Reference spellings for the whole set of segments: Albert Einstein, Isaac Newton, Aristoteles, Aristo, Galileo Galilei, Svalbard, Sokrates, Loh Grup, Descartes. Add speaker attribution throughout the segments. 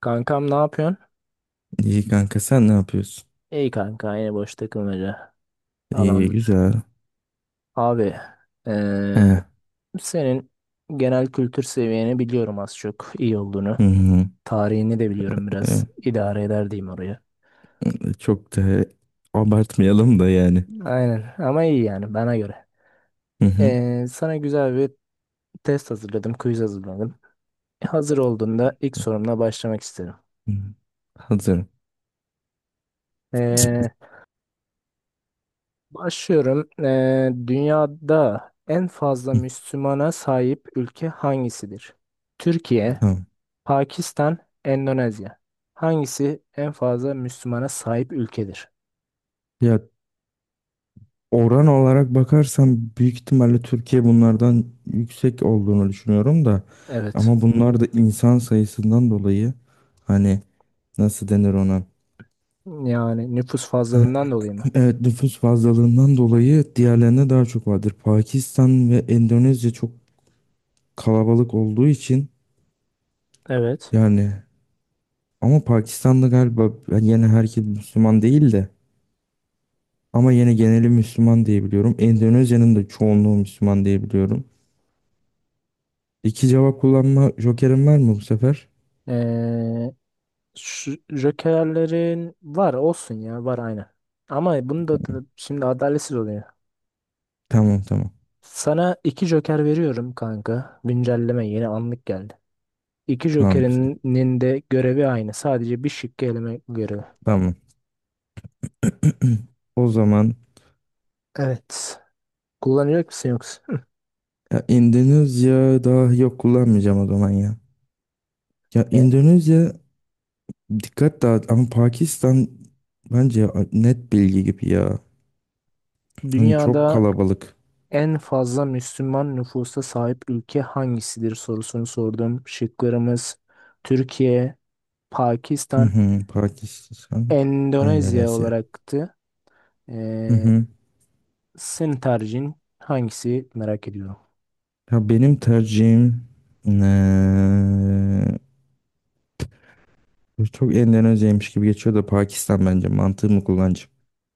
Speaker 1: Kankam ne yapıyorsun?
Speaker 2: İyi kanka, sen ne yapıyorsun?
Speaker 1: İyi kanka yine boş takılmaca
Speaker 2: İyi
Speaker 1: falan.
Speaker 2: güzel.
Speaker 1: Abi
Speaker 2: He.
Speaker 1: eee, senin genel kültür seviyeni biliyorum az çok iyi olduğunu.
Speaker 2: Hı hı.
Speaker 1: Tarihini de biliyorum biraz
Speaker 2: E,
Speaker 1: idare eder diyeyim oraya.
Speaker 2: Çok da abartmayalım da yani.
Speaker 1: Aynen ama iyi yani bana göre.
Speaker 2: Hı hı.
Speaker 1: Sana güzel bir test hazırladım, quiz hazırladım. Hazır olduğunda ilk sorumla başlamak isterim.
Speaker 2: Hı. Hazırım.
Speaker 1: Eee, Başlıyorum. Dünyada en fazla
Speaker 2: Hı.
Speaker 1: Müslümana sahip ülke hangisidir? Türkiye,
Speaker 2: Tamam.
Speaker 1: Pakistan, Endonezya. Hangisi en fazla Müslümana sahip ülkedir?
Speaker 2: Ya, oran olarak bakarsam büyük ihtimalle Türkiye bunlardan yüksek olduğunu düşünüyorum da,
Speaker 1: Evet.
Speaker 2: ama bunlar da insan sayısından dolayı, hani, nasıl denir ona?
Speaker 1: Yani nüfus fazlalığından dolayı mı?
Speaker 2: Evet, nüfus fazlalığından dolayı diğerlerine daha çok vardır. Pakistan ve Endonezya çok kalabalık olduğu için.
Speaker 1: Evet.
Speaker 2: Yani, ama Pakistan'da galiba yani yine herkes Müslüman değil de ama yine geneli Müslüman diye biliyorum. Endonezya'nın da çoğunluğu Müslüman diye biliyorum. İki cevap kullanma jokerim var mı bu sefer?
Speaker 1: Ee, Şu jokerlerin var olsun ya var aynen. Ama bunu da şimdi adaletsiz oluyor.
Speaker 2: Tamam, tamam.
Speaker 1: Sana iki Joker veriyorum kanka. Güncelleme yeni anlık geldi. İki
Speaker 2: Tamam.
Speaker 1: Joker'inin de görevi aynı. Sadece bir şıkkı eleme görevi.
Speaker 2: Tamam. O zaman
Speaker 1: Evet. Kullanacak mısın yoksa?
Speaker 2: ya Endonezya, daha yok, kullanmayacağım o zaman ya. Ya
Speaker 1: E,
Speaker 2: Endonezya dikkat dağıt, ama Pakistan bence net bilgi gibi ya. Hani çok
Speaker 1: Dünyada
Speaker 2: kalabalık.
Speaker 1: en fazla Müslüman nüfusa sahip ülke hangisidir sorusunu sordum. Şıklarımız Türkiye,
Speaker 2: Hı
Speaker 1: Pakistan,
Speaker 2: hı, Pakistan,
Speaker 1: Endonezya
Speaker 2: Endonezya.
Speaker 1: olacaktı.
Speaker 2: Hı
Speaker 1: Ee,
Speaker 2: hı.
Speaker 1: Senin tercihin hangisi merak ediyorum.
Speaker 2: Ya benim tercihim, eee, çok Endonezya'ymış gibi geçiyor da Pakistan, bence mantığımı kullanacağım.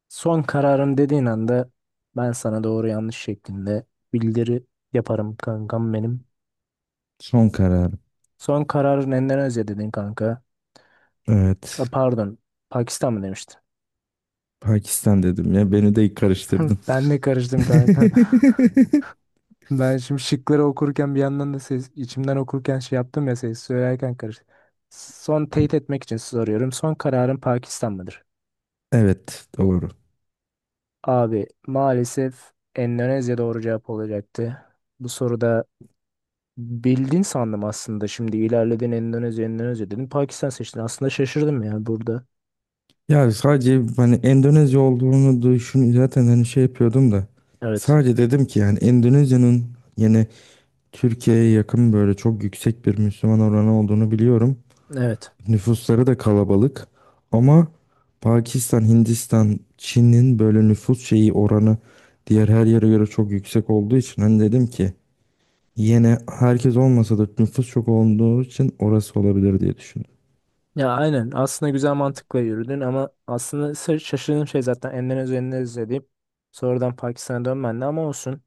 Speaker 1: Son kararım dediğin anda ben sana doğru yanlış şeklinde bildiri yaparım kankam benim.
Speaker 2: Son kararım.
Speaker 1: Son kararın Endonezya dedin kanka. Ha,
Speaker 2: Evet.
Speaker 1: pardon, Pakistan mı demiştin?
Speaker 2: Pakistan dedim ya, beni de karıştırdın.
Speaker 1: Ben de karıştım kanka. Ben şimdi şıkları okurken bir yandan da ses, içimden okurken şey yaptım ya ses söylerken karıştı. Son teyit etmek için soruyorum. Son kararın Pakistan mıdır?
Speaker 2: Evet, doğru.
Speaker 1: Abi maalesef Endonezya doğru cevap olacaktı. Bu soruda bildin sandım aslında. Şimdi ilerledin Endonezya, Endonezya dedin. Pakistan seçtin. Aslında şaşırdım ya burada.
Speaker 2: Ya sadece hani Endonezya olduğunu düşün zaten, hani şey yapıyordum da
Speaker 1: Evet.
Speaker 2: sadece dedim ki yani Endonezya'nın yine Türkiye'ye yakın böyle çok yüksek bir Müslüman oranı olduğunu biliyorum.
Speaker 1: Evet.
Speaker 2: Nüfusları da kalabalık, ama Pakistan, Hindistan, Çin'in böyle nüfus şeyi oranı diğer her yere göre çok yüksek olduğu için hani dedim ki yine herkes olmasa da nüfus çok olduğu için orası olabilir diye düşündüm.
Speaker 1: Ya aynen. Aslında güzel mantıkla yürüdün ama aslında şaşırdığım şey zaten Endonezya, Endonezya deyip sonradan Pakistan'a dönmendi ama olsun.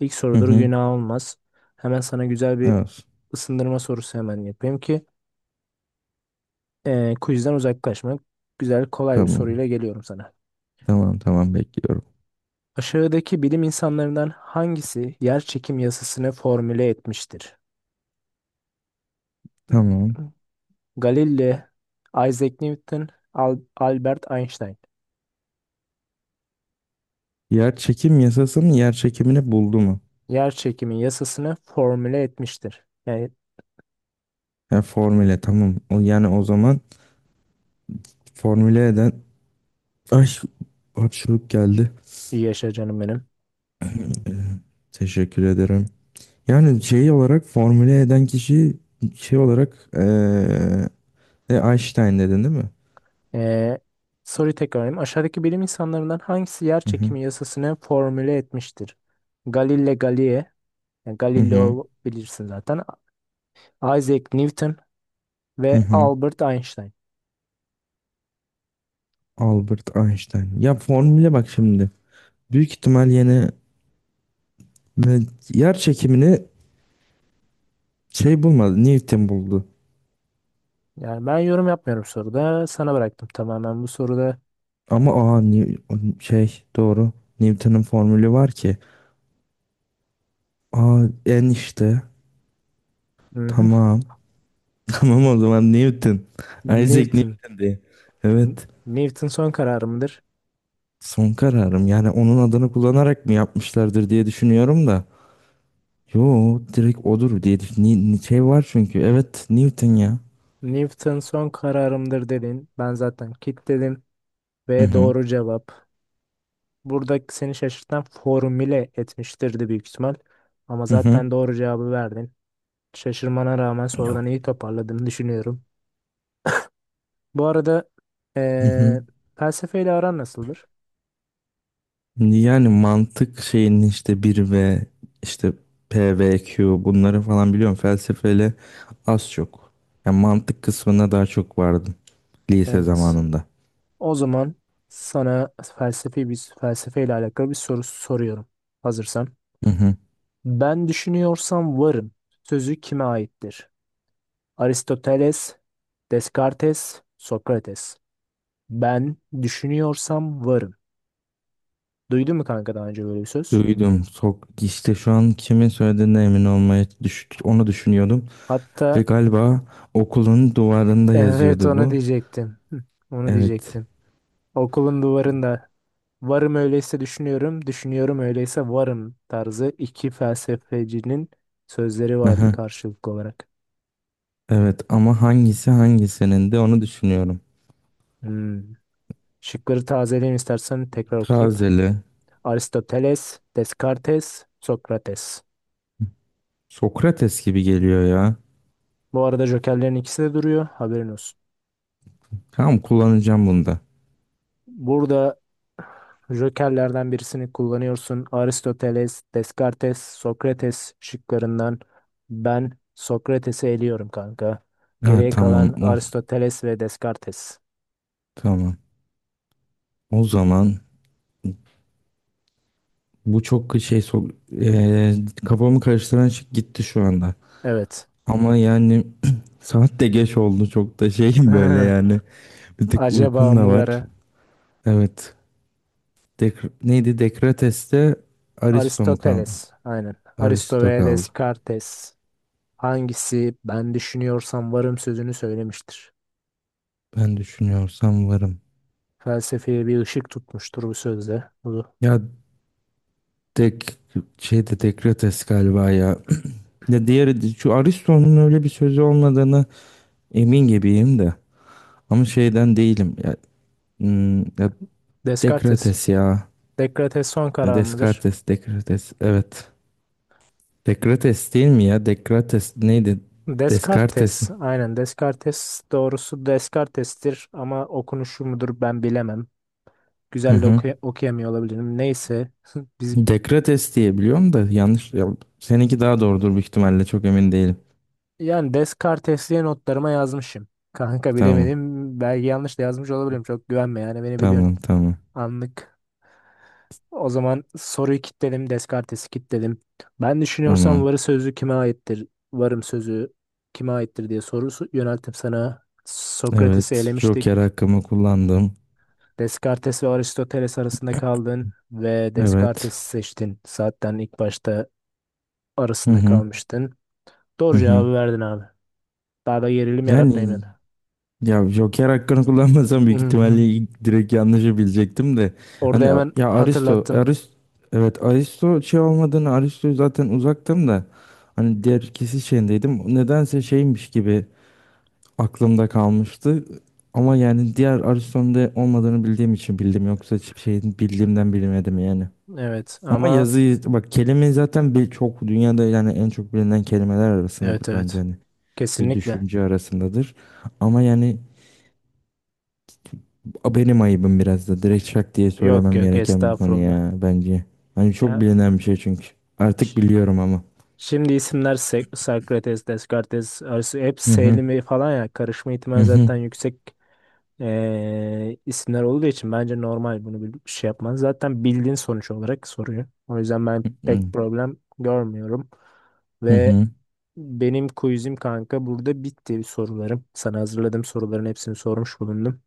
Speaker 1: İlk
Speaker 2: Hı
Speaker 1: sorudur
Speaker 2: hı.
Speaker 1: günah olmaz. Hemen sana güzel bir
Speaker 2: Evet.
Speaker 1: ısındırma sorusu hemen yapayım ki quizden uzaklaşmak. Güzel kolay bir
Speaker 2: Tamam.
Speaker 1: soruyla geliyorum sana.
Speaker 2: Tamam, tamam, bekliyorum.
Speaker 1: Aşağıdaki bilim insanlarından hangisi yer çekim yasasını formüle etmiştir?
Speaker 2: Tamam.
Speaker 1: Galileo, Isaac Newton, Albert Einstein.
Speaker 2: Yer çekim yasasının, yer çekimini buldu mu?
Speaker 1: Yer çekimi yasasını formüle etmiştir. Yani
Speaker 2: Ya, formüle, tamam. O, yani o zaman formüle eden, ay, hapşuruk geldi.
Speaker 1: iyi yaşa canım benim.
Speaker 2: Ee, Teşekkür ederim. Yani şey olarak formüle eden kişi, şey olarak Einstein dedin değil mi?
Speaker 1: Ee, Soruyu tekrarlayayım. Aşağıdaki bilim insanlarından hangisi yer
Speaker 2: Hı hı.
Speaker 1: çekimi yasasını formüle etmiştir? Galileo Galilei, yani
Speaker 2: Hı hı.
Speaker 1: Galileo bilirsin zaten. Isaac Newton
Speaker 2: Hı
Speaker 1: ve
Speaker 2: hı.
Speaker 1: Albert Einstein.
Speaker 2: Albert Einstein. Ya formüle, bak şimdi. Büyük ihtimal yine, ve yer çekimini şey bulmadı. Newton buldu.
Speaker 1: Yani ben yorum yapmıyorum soruda. Sana bıraktım tamamen bu soruda.
Speaker 2: Ama aa, Ni- şey doğru. Newton'un formülü var ki. Aa, en işte.
Speaker 1: Mhm.
Speaker 2: Tamam. Tamam, o zaman Newton. Isaac
Speaker 1: Newton.
Speaker 2: Newton diye.
Speaker 1: N-
Speaker 2: Evet.
Speaker 1: Newton son kararımdır.
Speaker 2: Son kararım, yani onun adını kullanarak mı yapmışlardır diye düşünüyorum da. Yo, direkt odur diye düş- Ni- ni- şey var çünkü, evet, Newton ya.
Speaker 1: Newton son kararımdır dedin. Ben zaten kitledim
Speaker 2: Hı
Speaker 1: ve
Speaker 2: hı.
Speaker 1: doğru cevap. Burada seni şaşırtan formüle etmiştirdi büyük ihtimal. Ama
Speaker 2: Hı hı.
Speaker 1: zaten doğru cevabı verdin. Şaşırmana rağmen
Speaker 2: Ya.
Speaker 1: sorudan iyi toparladığını düşünüyorum. Bu arada
Speaker 2: Hı hı.
Speaker 1: eee felsefeyle aran nasıldır?
Speaker 2: Yani mantık şeyinin işte bir ve işte P ve Q bunları falan biliyorum, felsefeyle az çok. Yani mantık kısmına daha çok vardım lise
Speaker 1: Evet.
Speaker 2: zamanında.
Speaker 1: O zaman sana felsefi bir felsefeyle alakalı bir soru soruyorum. Hazırsan.
Speaker 2: Hı hı.
Speaker 1: Ben düşünüyorsam varım. Sözü kime aittir? Aristoteles, Descartes, Sokrates. Ben düşünüyorsam varım. Duydun mu kanka daha önce böyle bir söz?
Speaker 2: Duydum. Sok, işte şu an kimin söylediğine emin olmaya düş onu düşünüyordum. Ve
Speaker 1: Hatta
Speaker 2: galiba okulun duvarında
Speaker 1: evet
Speaker 2: yazıyordu
Speaker 1: onu
Speaker 2: bu.
Speaker 1: diyecektim. Hı, onu
Speaker 2: Evet.
Speaker 1: diyecektim. Okulun duvarında varım öyleyse düşünüyorum, düşünüyorum öyleyse varım tarzı iki felsefecinin sözleri vardı
Speaker 2: Aha,
Speaker 1: karşılıklı olarak.
Speaker 2: evet, ama hangisi hangisinin de onu düşünüyorum.
Speaker 1: Hmm. Şıkları tazeleyeyim istersen tekrar okuyayım.
Speaker 2: Tazeli.
Speaker 1: Aristoteles, Descartes, Sokrates.
Speaker 2: Sokrates gibi geliyor ya.
Speaker 1: Bu arada jokerlerin ikisi de duruyor. Haberin olsun.
Speaker 2: Tamam, kullanacağım bunda.
Speaker 1: Burada jokerlerden birisini kullanıyorsun. Aristoteles, Descartes, Sokrates şıklarından ben Sokrates'i eliyorum kanka.
Speaker 2: Ha,
Speaker 1: Geriye
Speaker 2: tamam.
Speaker 1: kalan
Speaker 2: Oh,
Speaker 1: Aristoteles ve Descartes.
Speaker 2: tamam. O zaman bu çok şey, kafamı karıştıran şey gitti şu anda.
Speaker 1: Evet.
Speaker 2: Ama yani saat de geç oldu, çok da şeyim böyle yani. Bir tık
Speaker 1: Acaba
Speaker 2: uykum da var.
Speaker 1: mıları?
Speaker 2: Evet. Dek, neydi? Dekrates'te Aristo mu kaldı?
Speaker 1: Aristoteles. Aynen. Aristo
Speaker 2: Aristo
Speaker 1: ve
Speaker 2: kaldı.
Speaker 1: Descartes. Hangisi ben düşünüyorsam varım sözünü söylemiştir.
Speaker 2: Ben düşünüyorsam varım.
Speaker 1: Felsefeye bir ışık tutmuştur bu sözde. Bu
Speaker 2: Ya dek, şeyde Dekrates galiba ya. Ya diğeri, şu Aristo'nun öyle bir sözü olmadığını emin gibiyim de. Ama şeyden değilim. Ya, ya
Speaker 1: Descartes.
Speaker 2: Dekrates ya.
Speaker 1: Descartes son
Speaker 2: Ya
Speaker 1: karar mıdır?
Speaker 2: Descartes, Dekrates. Evet. Dekrates değil mi ya? Dekrates neydi? Descartes.
Speaker 1: Descartes. Aynen Descartes doğrusu Descartes'tir ama okunuşu mudur ben bilemem.
Speaker 2: Hı
Speaker 1: Güzel de
Speaker 2: hı.
Speaker 1: okuyamıyor olabilirim. Neyse. Biz
Speaker 2: Dekrates diye biliyorum da, yanlış. Ya, seninki daha doğrudur büyük ihtimalle. Çok emin değilim.
Speaker 1: yani Descartes diye notlarıma yazmışım. Kanka
Speaker 2: Tamam.
Speaker 1: bilemedim. Belki yanlış da yazmış olabilirim. Çok güvenme yani beni biliyorsun.
Speaker 2: Tamam. Tamam.
Speaker 1: Anlık. O zaman soruyu kilitledim. Descartes'i kilitledim. Ben düşünüyorsam
Speaker 2: Tamam.
Speaker 1: varı sözü kime aittir? Varım sözü kime aittir diye sorusu yönelttim sana. Sokrates'i
Speaker 2: Evet.
Speaker 1: elemiştik.
Speaker 2: Joker hakkımı kullandım.
Speaker 1: Descartes ve Aristoteles arasında kaldın ve
Speaker 2: Evet.
Speaker 1: Descartes'i seçtin. Zaten ilk başta
Speaker 2: Hı
Speaker 1: arasında
Speaker 2: hı.
Speaker 1: kalmıştın.
Speaker 2: Hı
Speaker 1: Doğru
Speaker 2: hı.
Speaker 1: cevabı verdin abi. Daha da gerilim yaratmayayım
Speaker 2: Yani
Speaker 1: yani.
Speaker 2: ya Joker hakkını kullanmasam
Speaker 1: Hı
Speaker 2: büyük
Speaker 1: hı.
Speaker 2: ihtimalle ilk direkt yanlışı bilecektim de. Hani
Speaker 1: Orada hemen
Speaker 2: ya Aristo,
Speaker 1: hatırlattım.
Speaker 2: Aristo, evet Aristo şey olmadığını, Aristo zaten uzaktım da. Hani diğer ikisi şeyindeydim. Nedense şeymiş gibi aklımda kalmıştı. Ama yani diğer Aristo'nun da olmadığını bildiğim için bildim. Yoksa hiçbir şeyin bildiğimden bilmedim yani.
Speaker 1: Evet
Speaker 2: Ama
Speaker 1: ama
Speaker 2: yazıyı bak, kelime zaten bir çok dünyada yani en çok bilinen kelimeler arasındadır
Speaker 1: evet
Speaker 2: bence,
Speaker 1: evet.
Speaker 2: hani bir
Speaker 1: Kesinlikle.
Speaker 2: düşünce arasındadır. Ama yani, benim ayıbım biraz da direkt şak diye
Speaker 1: Yok
Speaker 2: söylemem
Speaker 1: yok
Speaker 2: gereken bir konu
Speaker 1: estağfurullah.
Speaker 2: ya bence. Hani çok
Speaker 1: Ya
Speaker 2: bilinen bir şey çünkü. Artık biliyorum ama.
Speaker 1: şimdi isimler Sokrates, Descartes, Aristo hep
Speaker 2: Hı hı,
Speaker 1: Selimi falan ya karışma
Speaker 2: hı
Speaker 1: ihtimali
Speaker 2: hı,
Speaker 1: zaten yüksek isimler olduğu için bence normal bunu bir şey yapman. Zaten bildiğin sonuç olarak soruyor. O yüzden ben
Speaker 2: hı
Speaker 1: pek problem görmüyorum.
Speaker 2: hı
Speaker 1: Ve
Speaker 2: hı.
Speaker 1: benim quizim kanka burada bitti sorularım. Sana hazırladığım soruların hepsini sormuş bulundum.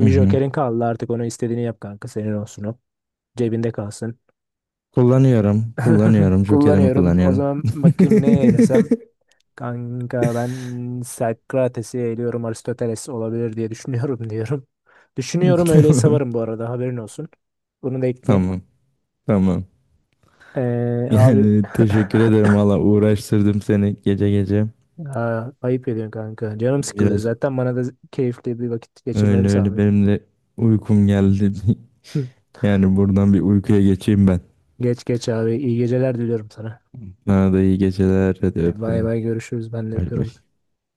Speaker 2: Hı
Speaker 1: bir
Speaker 2: hı.
Speaker 1: jokerin kaldı artık onu istediğini yap kanka senin olsun o. Cebinde kalsın.
Speaker 2: Kullanıyorum, kullanıyorum. Jokerimi
Speaker 1: Kullanıyorum. O
Speaker 2: kullanıyorum.
Speaker 1: zaman bakayım neye eylesem. Kanka ben Sokrates'i eğiliyorum Aristoteles olabilir diye düşünüyorum diyorum. Düşünüyorum öyle
Speaker 2: Tamam,
Speaker 1: savarım bu arada haberin olsun. Bunu da ekleyeyim.
Speaker 2: tamam, tamam.
Speaker 1: Abi
Speaker 2: Yani teşekkür ederim valla, uğraştırdım seni gece gece.
Speaker 1: Aa, ayıp ediyorsun kanka. Canım sıkılıyor.
Speaker 2: Biraz.
Speaker 1: Zaten bana da keyifli bir vakit geçirmemi
Speaker 2: Öyle öyle,
Speaker 1: sağlıyor.
Speaker 2: benim de uykum geldi. Yani buradan bir uykuya geçeyim ben.
Speaker 1: Geç geç abi. İyi geceler diliyorum sana.
Speaker 2: Sana da iyi geceler. Hadi
Speaker 1: De, bay
Speaker 2: öpüyorum.
Speaker 1: bay görüşürüz. Ben de
Speaker 2: Bay
Speaker 1: öpüyorum.
Speaker 2: bay.